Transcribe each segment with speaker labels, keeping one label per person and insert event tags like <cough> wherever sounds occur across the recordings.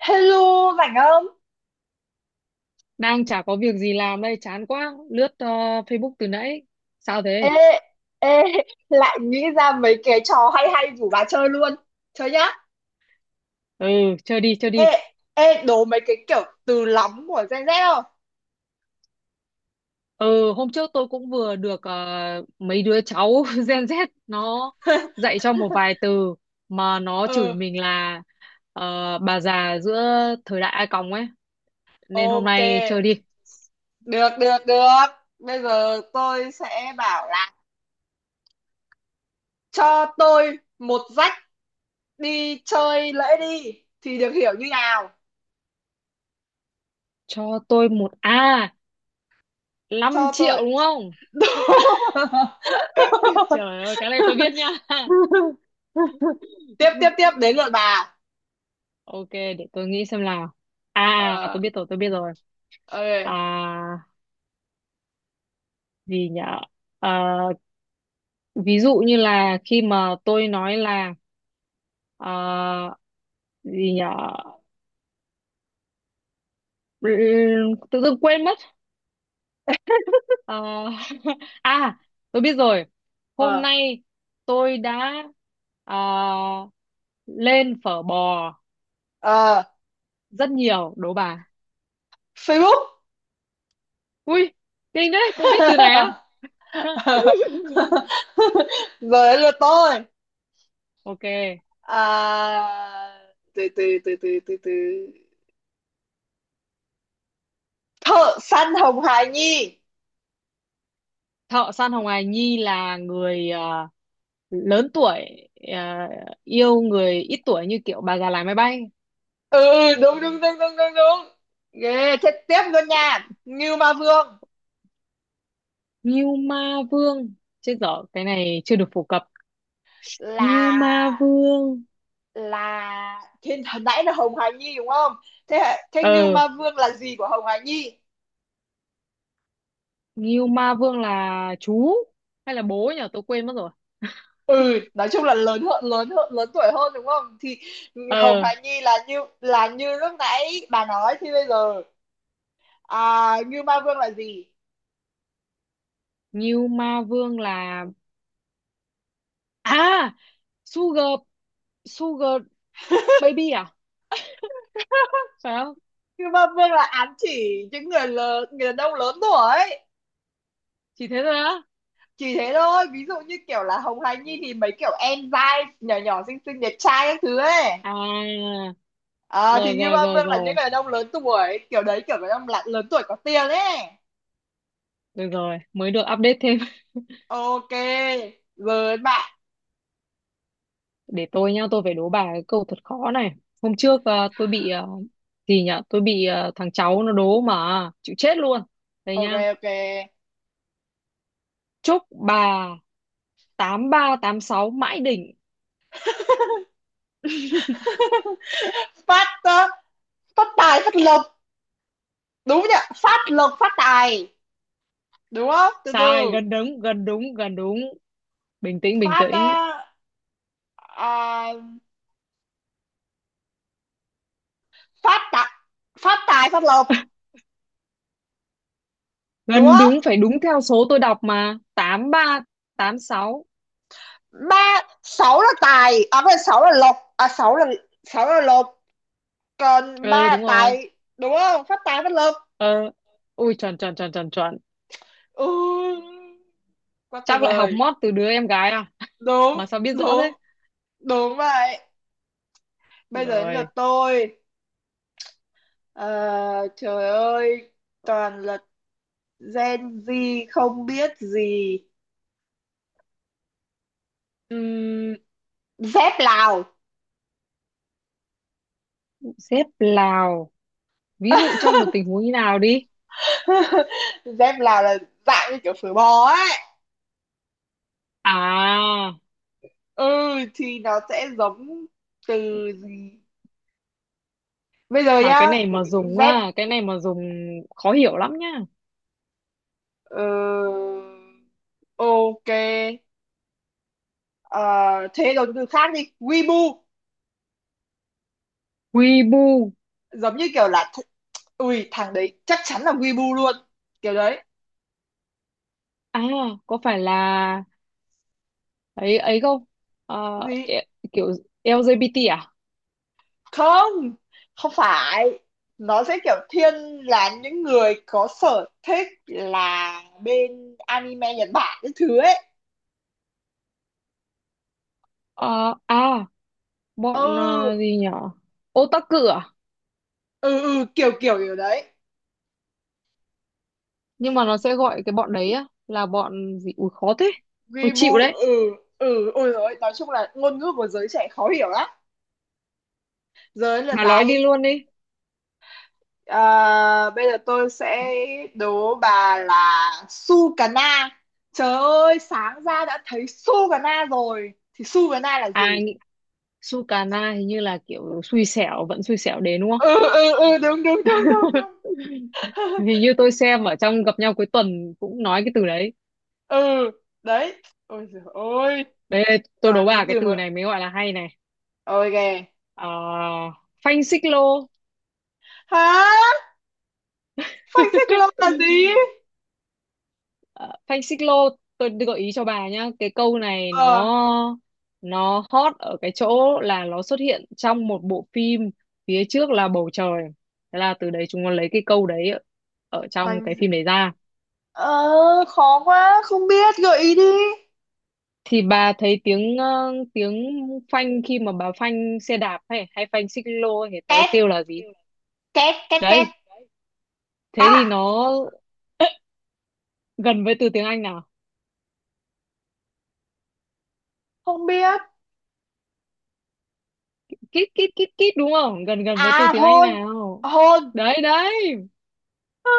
Speaker 1: Hello, rảnh không?
Speaker 2: Đang chả có việc gì làm đây, chán quá. Lướt Facebook từ nãy. Sao
Speaker 1: Ê,
Speaker 2: thế?
Speaker 1: ê, lại nghĩ ra mấy cái trò hay hay rủ bà chơi luôn. Chơi nhá.
Speaker 2: Ừ, chơi đi, chơi
Speaker 1: Ê,
Speaker 2: đi.
Speaker 1: ê, đố mấy cái kiểu từ lóng của Gen Z không?
Speaker 2: Ừ, hôm trước tôi cũng vừa được mấy đứa cháu <laughs> Gen Z nó
Speaker 1: <laughs>
Speaker 2: dạy cho một vài từ mà nó chửi
Speaker 1: Ừ,
Speaker 2: mình là ờ, bà già giữa thời đại A còng ấy. Nên hôm
Speaker 1: ok.
Speaker 2: nay chơi đi.
Speaker 1: Được, được, được. Bây giờ tôi sẽ bảo là cho tôi một rách đi chơi lễ đi. Thì được hiểu như nào?
Speaker 2: Cho tôi một A, 5
Speaker 1: Cho
Speaker 2: triệu
Speaker 1: tôi...
Speaker 2: đúng không?
Speaker 1: <laughs>
Speaker 2: <laughs> Trời ơi, cái này tôi biết nha.
Speaker 1: tiếp, tiếp, tiếp. Đến lượt
Speaker 2: <laughs>
Speaker 1: bà.
Speaker 2: Ok, để tôi nghĩ xem nào. À, à,
Speaker 1: Ờ,
Speaker 2: tôi biết rồi, tôi biết rồi. À,
Speaker 1: ok.
Speaker 2: gì nhở? À, ví dụ như là khi mà tôi nói là à, gì nhở? Tự dưng quên mất. À, <laughs> à, tôi biết rồi. Hôm
Speaker 1: Ờ,
Speaker 2: nay tôi đã à, lên phở bò
Speaker 1: ờ.
Speaker 2: rất nhiều, đố bà.
Speaker 1: Facebook.
Speaker 2: Ui, kinh đấy, cũng biết từ này á.
Speaker 1: <laughs>
Speaker 2: <laughs>
Speaker 1: Rồi đến lượt tôi.
Speaker 2: Ok.
Speaker 1: à, từ từ từ từ từ từ Thợ săn Hồng Hải Nhi.
Speaker 2: Thợ săn Hồng Hà Nhi là người lớn tuổi, à, yêu người ít tuổi như kiểu bà già lái máy bay.
Speaker 1: Ừ ừ, đúng đúng đúng đúng đúng đúng, ghê thế. Tiếp luôn nha, Ngưu Ma Vương.
Speaker 2: Ngưu Ma Vương, chết dở, cái này chưa được phổ cập. Ngưu
Speaker 1: là
Speaker 2: Ma Vương,
Speaker 1: là thế, hồi nãy là Hồng Hải Nhi đúng không? Thế thế Ngưu
Speaker 2: ờ
Speaker 1: Ma Vương là gì của Hồng Hải Nhi?
Speaker 2: Ngưu Ma Vương là chú hay là bố nhỉ, tôi quên mất rồi.
Speaker 1: Ừ, nói chung là lớn tuổi hơn đúng không, thì Hồng
Speaker 2: ờ
Speaker 1: Hà Nhi là như lúc nãy bà nói. Thì bây giờ Như Ma Vương là gì?
Speaker 2: Ngưu Ma Vương là, à Sugar Sugar Baby à, phải không?
Speaker 1: Như Ma Vương là ám chỉ những người lớn, người đàn ông lớn tuổi,
Speaker 2: Chỉ thế thôi á?
Speaker 1: chỉ thế thôi. Ví dụ như kiểu là Hồng Hà Nhi thì mấy kiểu em dai nhỏ nhỏ xinh xinh đẹp trai các thứ ấy,
Speaker 2: à
Speaker 1: thì
Speaker 2: Rồi
Speaker 1: Như
Speaker 2: rồi
Speaker 1: Ma
Speaker 2: rồi
Speaker 1: Vương là những người
Speaker 2: rồi,
Speaker 1: đàn ông lớn tuổi kiểu đấy, kiểu người đàn ông là lớn tuổi có tiền ấy.
Speaker 2: rồi rồi mới được update thêm.
Speaker 1: Ok, rồi bạn.
Speaker 2: Để tôi nhá, tôi phải đố bà cái câu thật khó này. Hôm trước tôi bị gì nhở, tôi bị thằng cháu nó đố mà chịu chết luôn. Đây
Speaker 1: Ok,
Speaker 2: nhá:
Speaker 1: ok.
Speaker 2: chúc bà 8386 mãi đỉnh. <laughs>
Speaker 1: Phát ờ, phát tài phát lộc, đúng nhỉ? Phát lộc phát tài, đúng không? Từ
Speaker 2: Sai,
Speaker 1: từ.
Speaker 2: gần đúng, gần đúng, gần đúng. Bình tĩnh, bình
Speaker 1: phát
Speaker 2: tĩnh.
Speaker 1: ờ, à, phát tài phát tài phát lộc, đúng
Speaker 2: Gần đúng,
Speaker 1: không?
Speaker 2: phải đúng theo số tôi đọc mà, 8386.
Speaker 1: Ba sáu là tài à? Phải, sáu là lộc à? Sáu là lộc, còn
Speaker 2: Ừ,
Speaker 1: ba là
Speaker 2: đúng rồi.
Speaker 1: tài, đúng không? Phát tài phát lộc.
Speaker 2: ờ Ui, chuẩn chuẩn chuẩn chuẩn chuẩn.
Speaker 1: Ừ, quá tuyệt
Speaker 2: Chắc lại học
Speaker 1: vời.
Speaker 2: mót từ đứa em gái à,
Speaker 1: Đúng,
Speaker 2: mà sao biết rõ
Speaker 1: đúng,
Speaker 2: thế?
Speaker 1: đúng vậy. Bây giờ đến lượt
Speaker 2: Rồi,
Speaker 1: tôi. Ờ, Trời ơi, toàn là Gen Z không biết gì. Ừm, Dép Lào.
Speaker 2: xếp Lào, ví dụ trong một tình
Speaker 1: <laughs>
Speaker 2: huống như nào đi?
Speaker 1: Dép Lào là dạng như kiểu phở bò ấy.
Speaker 2: à
Speaker 1: Ừ thì nó sẽ giống từ gì? Bây giờ
Speaker 2: mà
Speaker 1: nhá,
Speaker 2: cái này mà dùng
Speaker 1: dép
Speaker 2: á, cái này mà dùng khó hiểu lắm nhá.
Speaker 1: ờ, ok. Ờ, Thế rồi từ khác đi, Weibo.
Speaker 2: Quy,
Speaker 1: Giống như kiểu là ui, thằng đấy chắc chắn là Weibo luôn, kiểu đấy.
Speaker 2: à, có phải là ấy ấy không? Ờ,
Speaker 1: Gì?
Speaker 2: e- Kiểu LGBT à?
Speaker 1: Không, không phải, nó sẽ kiểu thiên là những người có sở thích là bên anime Nhật Bản cái thứ ấy.
Speaker 2: Ờ, à
Speaker 1: Ừ
Speaker 2: Bọn gì nhở, otaku à?
Speaker 1: ừ ừ, kiểu kiểu kiểu đấy.
Speaker 2: Nhưng mà nó sẽ gọi cái bọn đấy á là bọn gì, ui khó thế. Ui, chịu
Speaker 1: Weibo.
Speaker 2: đấy,
Speaker 1: Ừ ừ, ôi rồi, nói chung là ngôn ngữ của giới trẻ khó hiểu lắm. Giới lượt
Speaker 2: bà
Speaker 1: bà
Speaker 2: nói đi
Speaker 1: đi.
Speaker 2: luôn đi.
Speaker 1: Ờ, Bây giờ tôi sẽ đố bà là Sukana. Trời ơi, sáng ra đã thấy Sukana rồi thì Sukana là
Speaker 2: à
Speaker 1: gì?
Speaker 2: nghĩ- Sukana hình như là kiểu xui xẻo vẫn xui xẻo đến, đúng không?
Speaker 1: Ừ ừ ừ, đúng đúng đúng đúng đúng.
Speaker 2: <laughs>
Speaker 1: <laughs>
Speaker 2: Hình như tôi xem ở trong gặp nhau cuối tuần cũng nói cái từ đấy.
Speaker 1: Ừ đấy. Ôi giời ơi,
Speaker 2: Đấy, tôi đố
Speaker 1: toàn
Speaker 2: bà
Speaker 1: những
Speaker 2: cái
Speaker 1: từ
Speaker 2: từ
Speaker 1: mà.
Speaker 2: này mới gọi là hay này.
Speaker 1: Ôi kìa.
Speaker 2: Ờ, Phanh xích lô.
Speaker 1: Hả? Phanh xích lô
Speaker 2: <laughs>
Speaker 1: là gì?
Speaker 2: Ờ, Phanh xích lô, tôi gợi ý cho bà nhá. Cái câu này
Speaker 1: ờ
Speaker 2: nó hot ở cái chỗ là nó xuất hiện trong một bộ phim phía trước là bầu trời, thế là từ đấy chúng nó lấy cái câu đấy ở trong
Speaker 1: Phanh
Speaker 2: cái phim đấy ra.
Speaker 1: ờ khó quá, không biết, gợi ý đi.
Speaker 2: Thì bà thấy tiếng phanh, khi mà bà phanh xe đạp hay hay phanh xích lô thì nó
Speaker 1: Tét
Speaker 2: kêu là gì?
Speaker 1: tét tét tét.
Speaker 2: Đấy, thế
Speaker 1: À,
Speaker 2: thì nó <clears throat> gần với từ tiếng Anh nào?
Speaker 1: không biết.
Speaker 2: Kít kít kít kít, đúng không, gần gần
Speaker 1: À,
Speaker 2: với từ tiếng Anh
Speaker 1: hôn.
Speaker 2: nào?
Speaker 1: Hôn.
Speaker 2: Đấy đấy,
Speaker 1: À,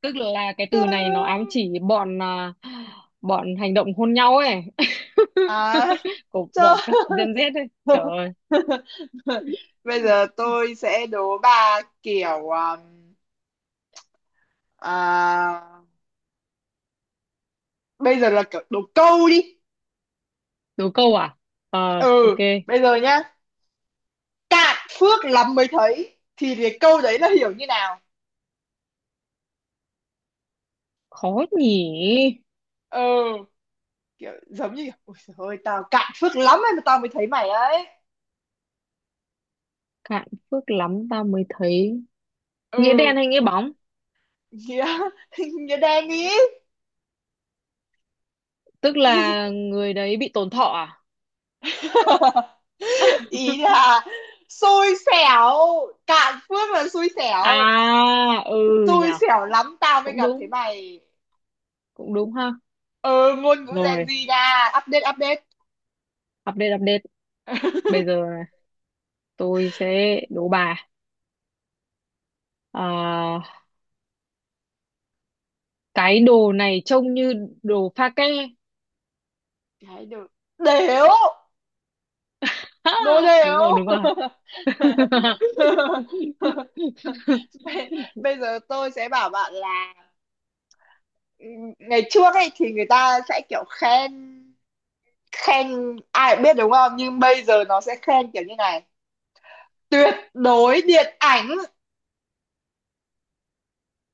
Speaker 2: tức là cái
Speaker 1: trời
Speaker 2: từ này nó
Speaker 1: ơi.
Speaker 2: ám chỉ bọn hành động hôn nhau ấy,
Speaker 1: À,
Speaker 2: <laughs> của
Speaker 1: trời
Speaker 2: bọn các
Speaker 1: ơi.
Speaker 2: Gen Z ấy, trời ơi.
Speaker 1: <laughs> Bây giờ tôi sẽ đố bà kiểu à, bây giờ là kiểu đố câu đi.
Speaker 2: Đố câu à? Ok.
Speaker 1: Ừ, bây giờ nhá, cạn phước lắm mới thấy, thì cái câu đấy là hiểu như nào?
Speaker 2: Khó nhỉ.
Speaker 1: Ừ, kiểu giống như kiểu, ôi trời ơi tao cạn phước lắm ấy mà tao mới thấy mày ấy.
Speaker 2: Cạn phước lắm ta mới thấy. Nghĩa đen
Speaker 1: Ừ.
Speaker 2: hay nghĩa bóng?
Speaker 1: Nghĩa <laughs> nghĩa đen ý.
Speaker 2: Tức là người đấy bị tổn thọ à?
Speaker 1: <laughs> Ý
Speaker 2: <laughs>
Speaker 1: là xui xẻo. Cạn phước là xui
Speaker 2: À,
Speaker 1: xẻo.
Speaker 2: ừ, nhỉ,
Speaker 1: Xui xẻo lắm tao mới
Speaker 2: cũng
Speaker 1: gặp thấy
Speaker 2: đúng,
Speaker 1: mày.
Speaker 2: cũng đúng ha.
Speaker 1: Ừ, ngôn ngữ Gen
Speaker 2: Rồi,
Speaker 1: Z nha, update update.
Speaker 2: update update. Bây giờ
Speaker 1: <laughs>
Speaker 2: tôi sẽ đố bà, à, cái đồ này trông như đồ pha ke.
Speaker 1: Cái được. Đéo.
Speaker 2: Ha!
Speaker 1: Đồ đểu.
Speaker 2: Đúng rồi, đúng rồi.
Speaker 1: <laughs>
Speaker 2: <laughs>
Speaker 1: bây, Bây giờ tôi sẽ bảo bạn là ừ, ngày trước ấy thì người ta sẽ kiểu khen. Khen ai cũng biết đúng không, nhưng bây giờ nó sẽ khen kiểu như này: tuyệt đối điện ảnh.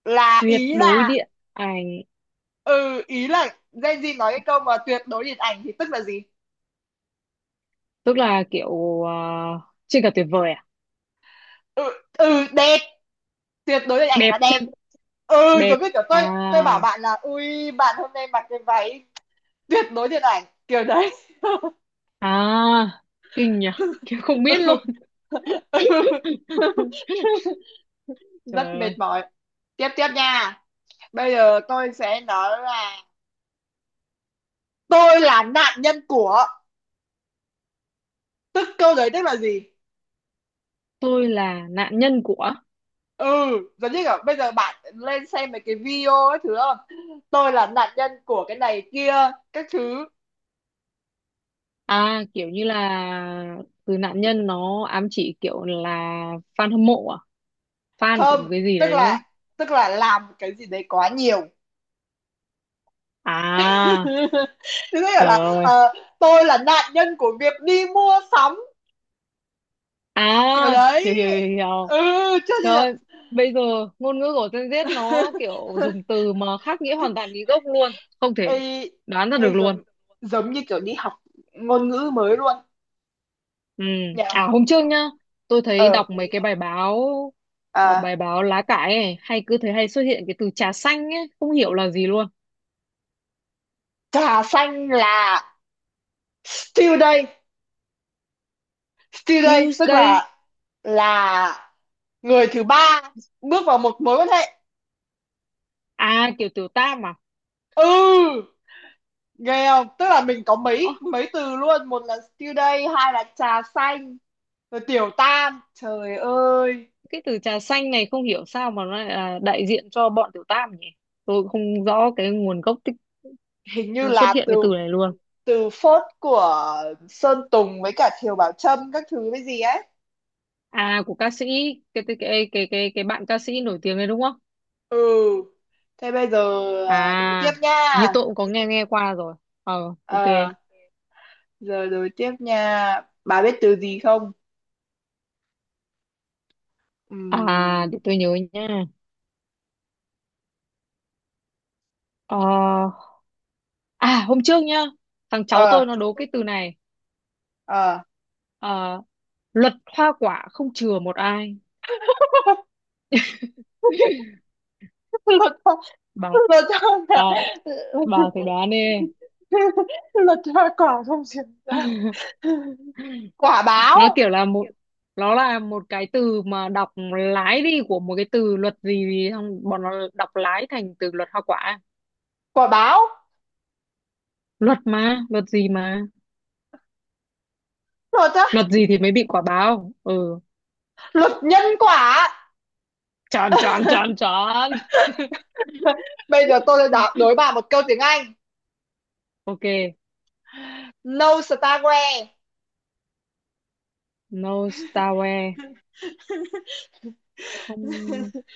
Speaker 1: Là
Speaker 2: Tuyệt
Speaker 1: ý
Speaker 2: đối
Speaker 1: là
Speaker 2: điện ảnh,
Speaker 1: ừ Ý là Gen Z nói cái câu mà tuyệt đối điện ảnh thì tức là gì?
Speaker 2: tức là kiểu trên cả tuyệt vời à?
Speaker 1: Ừ, ừ đẹp. Tuyệt đối điện ảnh
Speaker 2: Đẹp
Speaker 1: là đẹp.
Speaker 2: trên
Speaker 1: Ừ,
Speaker 2: đẹp
Speaker 1: giống như kiểu
Speaker 2: à?
Speaker 1: tôi bảo bạn là ui, bạn hôm nay mặc cái váy tuyệt đối điện ảnh, kiểu đấy. <laughs>
Speaker 2: à Kinh nhỉ, kiểu không biết
Speaker 1: Ừ.
Speaker 2: luôn.
Speaker 1: Ừ.
Speaker 2: <laughs>
Speaker 1: <laughs> Rất
Speaker 2: Trời ơi.
Speaker 1: mệt mỏi. Tiếp tiếp nha. Bây giờ tôi sẽ nói là tôi là nạn nhân của, tức câu đấy tức là gì?
Speaker 2: Tôi là nạn nhân của.
Speaker 1: Ừ, giống như kiểu bây giờ bạn lên xem mấy cái video ấy thứ không, tôi là nạn nhân của cái này kia các thứ.
Speaker 2: À, kiểu như là từ nạn nhân nó ám chỉ kiểu là fan hâm mộ à? Fan của một
Speaker 1: Không.
Speaker 2: cái gì
Speaker 1: tức
Speaker 2: đấy đúng không?
Speaker 1: là tức là làm cái gì đấy quá nhiều.
Speaker 2: À,
Speaker 1: <laughs> Tức
Speaker 2: trời
Speaker 1: là
Speaker 2: ơi.
Speaker 1: tôi là nạn nhân của việc đi mua sắm
Speaker 2: À,
Speaker 1: kiểu
Speaker 2: hiểu
Speaker 1: đấy.
Speaker 2: hiểu hiểu.
Speaker 1: Ừ.
Speaker 2: Hiểu.
Speaker 1: Chưa chưa
Speaker 2: Trời
Speaker 1: chưa.
Speaker 2: ơi, bây giờ ngôn ngữ của Gen Z nó kiểu dùng từ mà khác nghĩa hoàn toàn cái gốc luôn, không
Speaker 1: ê,
Speaker 2: thể đoán ra được
Speaker 1: ê giống,
Speaker 2: luôn.
Speaker 1: như kiểu đi học ngôn ngữ mới luôn
Speaker 2: Ừ.
Speaker 1: nhỉ.
Speaker 2: À hôm trước nhá, tôi thấy
Speaker 1: ờ
Speaker 2: đọc mấy cái bài báo ờ,
Speaker 1: à,
Speaker 2: bài báo lá cải ấy, hay cứ thấy hay xuất hiện cái từ trà xanh ấy, không hiểu là gì luôn.
Speaker 1: Trà xanh là still đây. Still đây tức
Speaker 2: Tuesday,
Speaker 1: là là người thứ ba bước vào một mối quan hệ.
Speaker 2: à kiểu tiểu tam à?
Speaker 1: Ừ, ghê không, tức là mình có
Speaker 2: Ơ,
Speaker 1: mấy mấy từ luôn, một là still đây, hai là trà xanh, rồi tiểu tam. Trời ơi,
Speaker 2: cái từ trà xanh này không hiểu sao mà nó lại là đại diện cho bọn Tiểu Tam nhỉ? Tôi cũng không rõ cái nguồn gốc tích
Speaker 1: hình như
Speaker 2: xuất
Speaker 1: là
Speaker 2: hiện
Speaker 1: từ
Speaker 2: cái từ này luôn.
Speaker 1: từ phốt của Sơn Tùng với cả Thiều Bảo Trâm các thứ với gì ấy.
Speaker 2: À của ca sĩ, cái bạn ca sĩ nổi tiếng đấy đúng không?
Speaker 1: Ừ, thế bây giờ đố tiếp
Speaker 2: À, hình như
Speaker 1: nha.
Speaker 2: tôi cũng có nghe nghe qua rồi. Ờ, ok.
Speaker 1: ờ Giờ đố tiếp nha, bà biết từ gì không?
Speaker 2: À,
Speaker 1: Ừm,
Speaker 2: để tôi nhớ nha. Ờ, hôm trước nhá, thằng cháu
Speaker 1: ờ
Speaker 2: tôi nó đố cái từ này.
Speaker 1: ờ
Speaker 2: Ờ, Luật hoa quả không chừa một ai.
Speaker 1: <laughs>
Speaker 2: <laughs>
Speaker 1: lột ra,
Speaker 2: Bà
Speaker 1: lột ra
Speaker 2: bà
Speaker 1: quả.
Speaker 2: bà thử đoán đi.
Speaker 1: <laughs> Lột ra quả không chuyển ra.
Speaker 2: <laughs>
Speaker 1: Quả báo.
Speaker 2: Nó kiểu là nó là một cái từ mà đọc lái đi của một cái từ luật gì gì, xong bọn nó đọc lái thành từ luật hoa quả.
Speaker 1: Quả báo.
Speaker 2: Luật gì mà,
Speaker 1: Lột ra.
Speaker 2: luật gì thì
Speaker 1: Luật
Speaker 2: mới bị
Speaker 1: gì?
Speaker 2: quả báo. Ừ,
Speaker 1: Luật nhân quả.
Speaker 2: chọn chọn chọn chọn.
Speaker 1: <laughs> Bây giờ tôi sẽ đố bà
Speaker 2: <laughs>
Speaker 1: một câu tiếng Anh.
Speaker 2: Ok,
Speaker 1: No starware.
Speaker 2: no starware. Không,
Speaker 1: <laughs>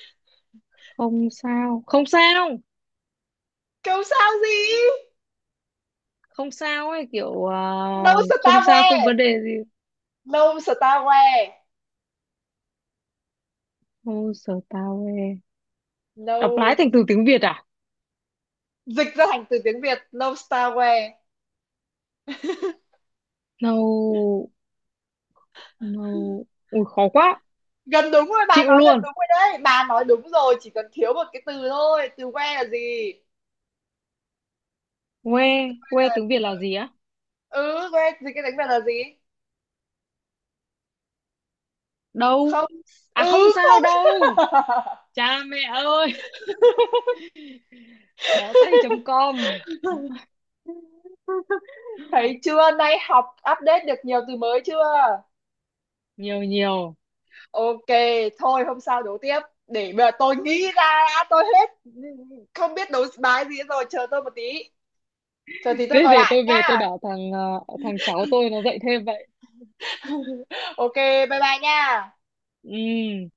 Speaker 2: không sao, không sao.
Speaker 1: Câu sao gì?
Speaker 2: Không sao ấy, kiểu
Speaker 1: No
Speaker 2: không sao, không
Speaker 1: starware.
Speaker 2: vấn đề gì.
Speaker 1: No starware.
Speaker 2: No starware, đọc lái
Speaker 1: No.
Speaker 2: thành từ tiếng Việt à?
Speaker 1: Dịch ra thành từ tiếng Việt. No starware.
Speaker 2: No, no, ui khó quá,
Speaker 1: Gần đúng rồi, bà
Speaker 2: chịu
Speaker 1: nói gần
Speaker 2: luôn.
Speaker 1: đúng rồi đấy. Bà nói đúng rồi, chỉ cần thiếu một cái từ thôi. Từ where là gì?
Speaker 2: Quê, quê tiếng Việt là gì á?
Speaker 1: Ừ, where dịch cái đánh Việt là gì?
Speaker 2: Đâu
Speaker 1: Không.
Speaker 2: à? Không
Speaker 1: Ừ,
Speaker 2: sao
Speaker 1: không.
Speaker 2: đâu.
Speaker 1: <laughs>
Speaker 2: Cha mẹ ơi, <laughs> bó tay.com.
Speaker 1: Thấy chưa? Nay học update được nhiều từ mới chưa?
Speaker 2: Nhiều nhiều.
Speaker 1: Ok, thôi hôm sau đấu tiếp. Để mà tôi nghĩ ra đã, tôi hết không biết đấu bài gì rồi, chờ tôi một tí. Chờ tí tôi
Speaker 2: Thế
Speaker 1: gọi
Speaker 2: để
Speaker 1: lại
Speaker 2: tôi về tôi
Speaker 1: nha.
Speaker 2: bảo thằng cháu tôi nó dạy thêm vậy.
Speaker 1: Ok, bye bye nha.
Speaker 2: Ừ.